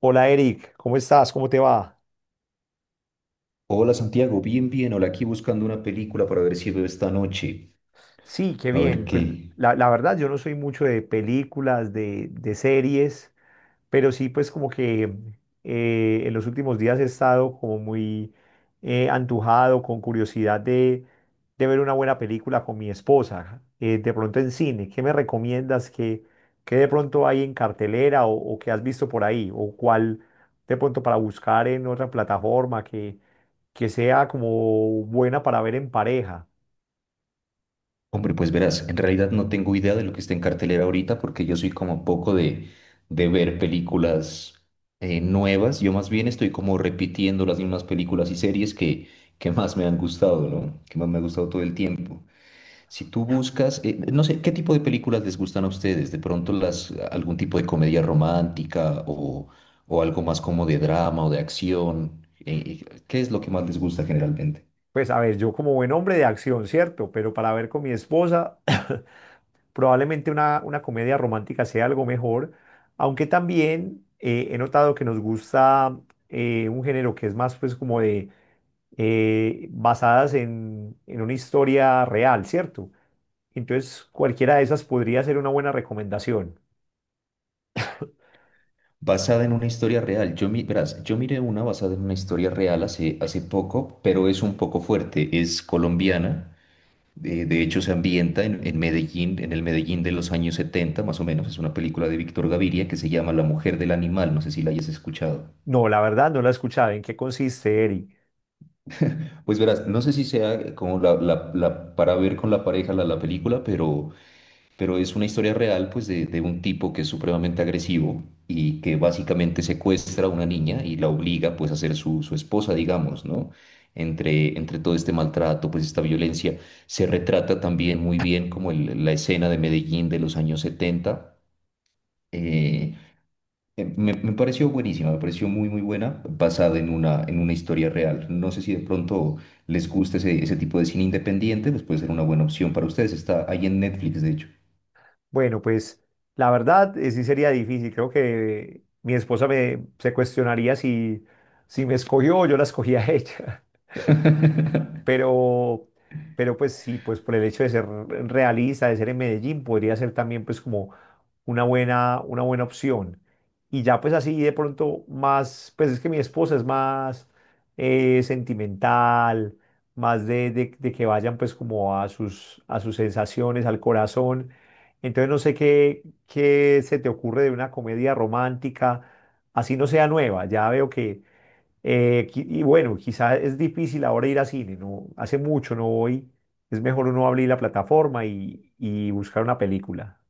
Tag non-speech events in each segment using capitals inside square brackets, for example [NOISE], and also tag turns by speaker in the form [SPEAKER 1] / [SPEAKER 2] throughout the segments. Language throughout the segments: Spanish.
[SPEAKER 1] Hola Eric, ¿cómo estás? ¿Cómo te va?
[SPEAKER 2] Hola Santiago, bien, bien. Hola, aquí buscando una película para ver si veo esta noche.
[SPEAKER 1] Sí, qué
[SPEAKER 2] A ver
[SPEAKER 1] bien. Pues
[SPEAKER 2] qué.
[SPEAKER 1] la verdad, yo no soy mucho de películas, de series, pero sí, pues como que en los últimos días he estado como muy antojado, con curiosidad de ver una buena película con mi esposa, de pronto en cine. ¿Qué me recomiendas? ¿Qué de pronto hay en cartelera o qué has visto por ahí? ¿O cuál de pronto para buscar en otra plataforma que sea como buena para ver en pareja?
[SPEAKER 2] Hombre, pues verás, en realidad no tengo idea de lo que está en cartelera ahorita porque yo soy como poco de ver películas nuevas. Yo más bien estoy como repitiendo las mismas películas y series que más me han gustado, ¿no? Que más me ha gustado todo el tiempo. Si tú buscas, no sé, ¿qué tipo de películas les gustan a ustedes? ¿De pronto las, algún tipo de comedia romántica o algo más como de drama o de acción? ¿Qué es lo que más les gusta generalmente?
[SPEAKER 1] Pues a ver, yo como buen hombre de acción, ¿cierto? Pero para ver con mi esposa. [COUGHS] Probablemente una comedia romántica sea algo mejor, aunque también he notado que nos gusta un género que es más pues como de basadas en una historia real, ¿cierto? Entonces cualquiera de esas podría ser una buena recomendación.
[SPEAKER 2] Basada en una historia real. Yo, verás, yo miré una basada en una historia real hace, hace poco, pero es un poco fuerte. Es colombiana. De hecho, se ambienta en Medellín, en el Medellín de los años 70, más o menos. Es una película de Víctor Gaviria que se llama La Mujer del Animal. No sé si la hayas escuchado.
[SPEAKER 1] No, la verdad no la he escuchado. ¿En qué consiste, Eri?
[SPEAKER 2] Pues verás, no sé si sea como la para ver con la pareja la, la película, pero es una historia real pues de un tipo que es supremamente agresivo y que básicamente secuestra a una niña y la obliga pues a ser su, su esposa, digamos, ¿no? Entre, entre todo este maltrato, pues esta violencia, se retrata también muy bien como la escena de Medellín de los años 70. eh, Me, me pareció buenísima, me pareció muy, muy buena, basada en una historia real. No sé si de pronto les gusta ese, ese tipo de cine independiente, pues puede ser una buena opción para ustedes. Está ahí en Netflix, de hecho.
[SPEAKER 1] Bueno, pues la verdad, sí sería difícil. Creo que mi esposa me, se cuestionaría si, si me escogió o yo la escogí a ella. [LAUGHS] Pero, pero pues sí, pues por el hecho de ser realista, de ser en Medellín, podría ser también pues como una buena opción. Y ya pues así de pronto más, pues es que mi esposa es más sentimental, más de que vayan pues como a sus sensaciones, al corazón. Entonces no sé qué, qué se te ocurre de una comedia romántica, así no sea nueva. Ya veo que qui- y bueno, quizá es difícil ahora ir a cine, ¿no? Hace mucho no voy. Es mejor uno abrir la plataforma y buscar una película.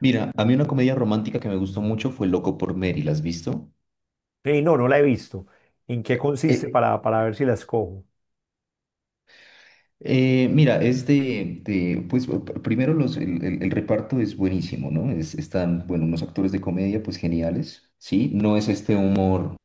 [SPEAKER 2] Mira, a mí una comedia romántica que me gustó mucho fue Loco por Mary, ¿la has visto?
[SPEAKER 1] No, no la he visto. ¿En qué consiste
[SPEAKER 2] Eh,
[SPEAKER 1] para ver si la escojo?
[SPEAKER 2] Mira, es de, pues primero los, el, el reparto es buenísimo, ¿no? Están, bueno, unos actores de comedia pues geniales, ¿sí? No es este humor,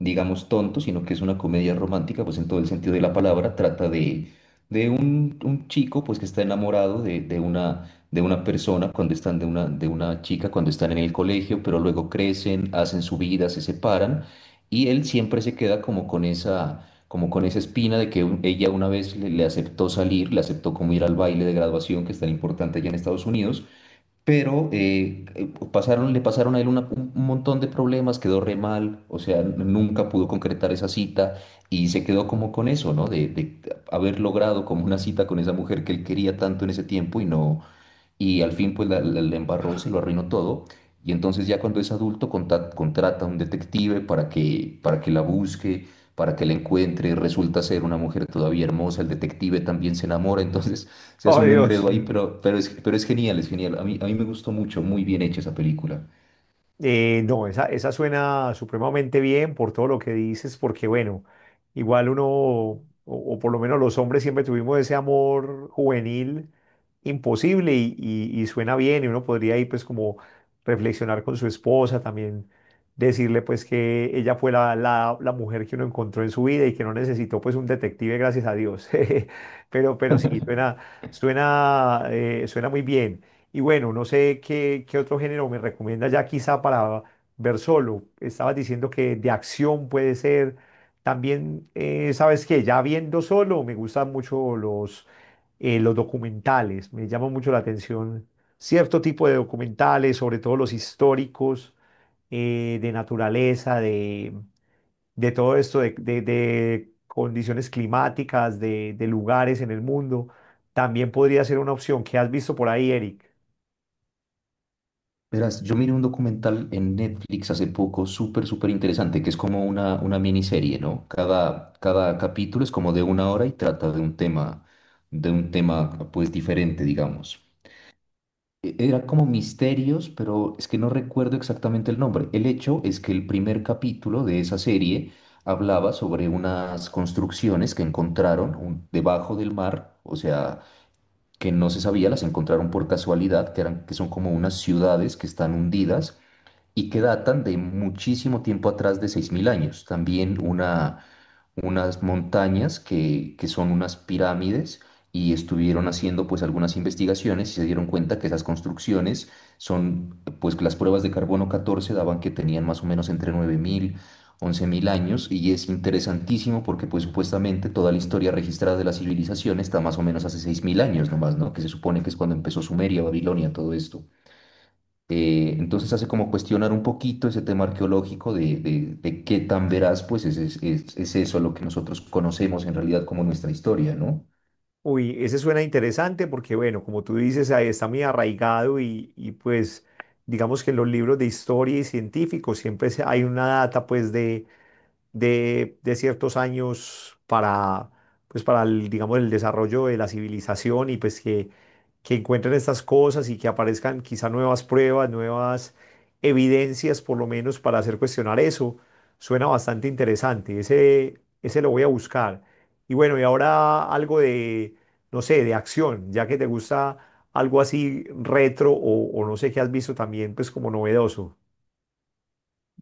[SPEAKER 2] digamos, tonto, sino que es una comedia romántica, pues en todo el sentido de la palabra, trata de un chico pues que está enamorado de una persona cuando están de una chica, cuando están en el colegio, pero luego crecen, hacen su vida, se separan y él siempre se queda como con esa espina de que ella una vez le, le aceptó salir, le aceptó como ir al baile de graduación, que es tan importante allá en Estados Unidos, pero pasaron, le pasaron a él un montón de problemas, quedó re mal, o sea, nunca pudo concretar esa cita y se quedó como con eso, ¿no? De haber logrado como una cita con esa mujer que él quería tanto en ese tiempo y no, y al fin pues la la embarró, se lo arruinó todo. Y entonces ya cuando es adulto contrata a un detective para que la busque, para que la encuentre, resulta ser una mujer todavía hermosa, el detective también se enamora, entonces se hace
[SPEAKER 1] Oh,
[SPEAKER 2] un
[SPEAKER 1] Dios.
[SPEAKER 2] enredo ahí, pero es genial, es genial. A mí me gustó mucho, muy bien hecha esa película.
[SPEAKER 1] No, esa suena supremamente bien por todo lo que dices, porque bueno, igual uno, o por lo menos los hombres siempre tuvimos ese amor juvenil imposible y suena bien y uno podría ir pues como reflexionar con su esposa, también decirle pues que ella fue la, la, la mujer que uno encontró en su vida y que no necesitó pues un detective, gracias a Dios. [LAUGHS] Pero sí, suena, suena, suena muy bien. Y bueno, no sé qué, qué otro género me recomienda ya quizá para ver solo. Estabas diciendo que de acción puede ser. También, ¿sabes qué? Ya viendo solo, me gustan mucho los documentales. Me llama mucho la atención cierto tipo de documentales, sobre todo los históricos, de naturaleza, de todo esto, de condiciones climáticas, de lugares en el mundo. También podría ser una opción. ¿Qué has visto por ahí, Eric?
[SPEAKER 2] Verás, yo miré un documental en Netflix hace poco, súper, súper interesante, que es como una miniserie, ¿no? Cada, cada capítulo es como de una hora y trata de un tema, pues, diferente, digamos. Era como misterios, pero es que no recuerdo exactamente el nombre. El hecho es que el primer capítulo de esa serie hablaba sobre unas construcciones que encontraron debajo del mar, o sea, que no se sabía, las encontraron por casualidad, que eran, que son como unas ciudades que están hundidas y que datan de muchísimo tiempo atrás de 6000 años. También una, unas montañas que son unas pirámides y estuvieron haciendo pues algunas investigaciones y se dieron cuenta que esas construcciones son, pues que las pruebas de carbono 14 daban que tenían más o menos entre 9000 11000 años y es interesantísimo porque pues supuestamente toda la historia registrada de la civilización está más o menos hace 6000 años nomás, ¿no? Que se supone que es cuando empezó Sumeria, Babilonia, todo esto. Entonces hace como cuestionar un poquito ese tema arqueológico de, de qué tan veraz pues es, es eso lo que nosotros conocemos en realidad como nuestra historia, ¿no?
[SPEAKER 1] Uy, ese suena interesante porque, bueno, como tú dices, ahí está muy arraigado y, pues digamos que en los libros de historia y científicos siempre se- hay una data pues de ciertos años para, pues para el, digamos, el desarrollo de la civilización y pues que encuentren estas cosas y que aparezcan quizá nuevas pruebas, nuevas evidencias por lo menos para hacer cuestionar eso. Suena bastante interesante. Ese lo voy a buscar. Y bueno, y ahora algo de, no sé, de acción, ya que te gusta algo así retro o no sé qué has visto también, pues como novedoso.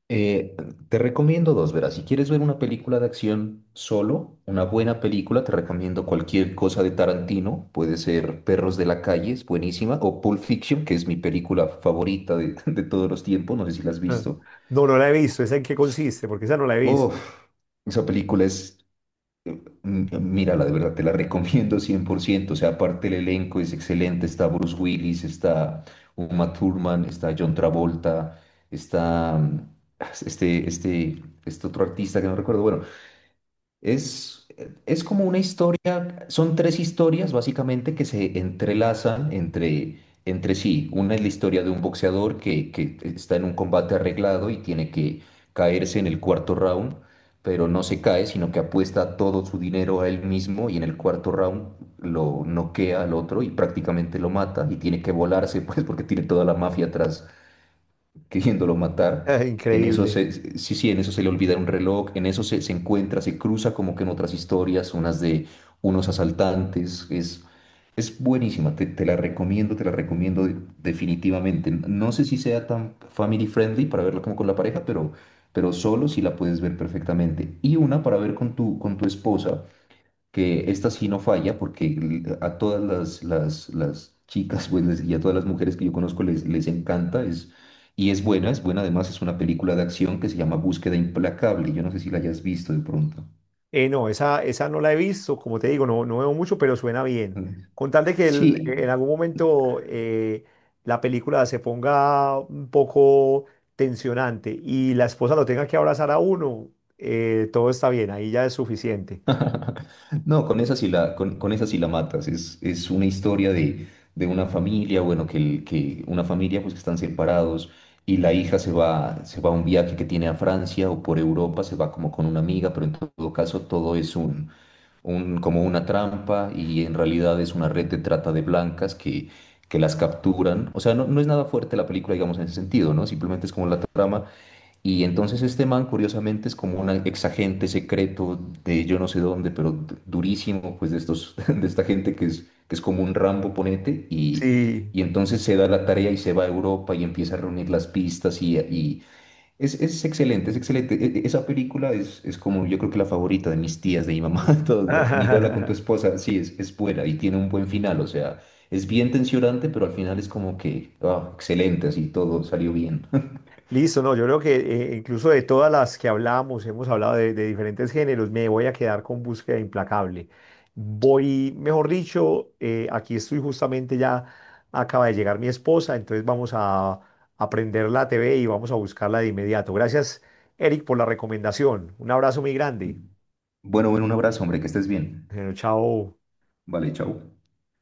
[SPEAKER 2] Eh, te recomiendo dos, verás, si quieres ver una película de acción solo, una buena película, te recomiendo cualquier cosa de Tarantino, puede ser Perros de la Calle, es buenísima, o Pulp Fiction, que es mi película favorita de, [LAUGHS] de todos los tiempos, no sé si la has
[SPEAKER 1] Ah.
[SPEAKER 2] visto.
[SPEAKER 1] No, no la he visto. ¿Esa en qué consiste? Porque esa no la he visto.
[SPEAKER 2] Uf, esa película es Mm, Mírala, de verdad, te la recomiendo 100%. O sea, aparte el elenco es excelente. Está Bruce Willis, está Uma Thurman, está John Travolta, está este otro artista que no recuerdo. Bueno, es, es como una historia, son tres historias básicamente que se entrelazan entre, entre sí. Una es la historia de un boxeador que está en un combate arreglado y tiene que caerse en el cuarto round, pero no se cae, sino que apuesta todo su dinero a él mismo y en el cuarto round lo noquea al otro y prácticamente lo mata y tiene que volarse, [LAUGHS] pues porque tiene toda la mafia atrás queriéndolo
[SPEAKER 1] [LAUGHS]
[SPEAKER 2] matar.
[SPEAKER 1] ¡Ah,
[SPEAKER 2] En eso
[SPEAKER 1] increíble!
[SPEAKER 2] se, sí, sí, en eso se le olvida un reloj, en eso se, se encuentra, se cruza como que en otras historias, unas de unos asaltantes. Es buenísima, te, te la recomiendo definitivamente. No sé si sea tan family friendly para verla como con la pareja, pero solo si la puedes ver perfectamente. Y una para ver con tu esposa que esta sí no falla, porque a todas las chicas pues, y a todas las mujeres que yo conozco les, les encanta, es, y es buena además, es una película de acción que se llama Búsqueda Implacable, yo no sé si la hayas visto de pronto.
[SPEAKER 1] No, esa no la he visto, como te digo, no, no veo mucho, pero suena bien. Con tal de que el- en
[SPEAKER 2] Sí,
[SPEAKER 1] algún momento, la película se ponga un poco tensionante y la esposa lo tenga que abrazar a uno, todo está bien, ahí ya es suficiente.
[SPEAKER 2] [LAUGHS] no, con esa sí la, con esa sí la matas, es una historia de una familia, bueno, que, que una familia pues que están separados. Y la hija se va a un viaje que tiene a Francia o por Europa, se va como con una amiga, pero en todo caso todo es un, como una trampa y en realidad es una red de trata de blancas que las capturan. O sea, no, no es nada fuerte la película, digamos, en ese sentido, ¿no? Simplemente es como la trama. Y entonces este man, curiosamente, es como un exagente secreto de yo no sé dónde, pero durísimo, pues de estos, [LAUGHS] de esta gente que es como un Rambo ponente y...
[SPEAKER 1] Sí.
[SPEAKER 2] Y entonces se da la tarea y se va a Europa y empieza a reunir las pistas y, es excelente, es excelente. Esa película es como yo creo que la favorita de mis tías, de mi mamá, [LAUGHS] de todo. ¿No? Mírala con tu
[SPEAKER 1] [LAUGHS]
[SPEAKER 2] esposa, sí, es buena y tiene un buen final, o sea, es bien tensionante, pero al final es como que, ah, excelente, así todo salió bien. [LAUGHS]
[SPEAKER 1] Listo, no, yo creo que incluso de todas las que hablamos, hemos hablado de diferentes géneros, me voy a quedar con Búsqueda Implacable. Voy, mejor dicho, aquí estoy justamente ya, acaba de llegar mi esposa, entonces vamos a prender la TV y vamos a buscarla de inmediato. Gracias, Eric, por la recomendación. Un abrazo muy grande.
[SPEAKER 2] Bueno, bueno, un abrazo, hombre, que estés bien.
[SPEAKER 1] Bueno, chao.
[SPEAKER 2] Vale, chao.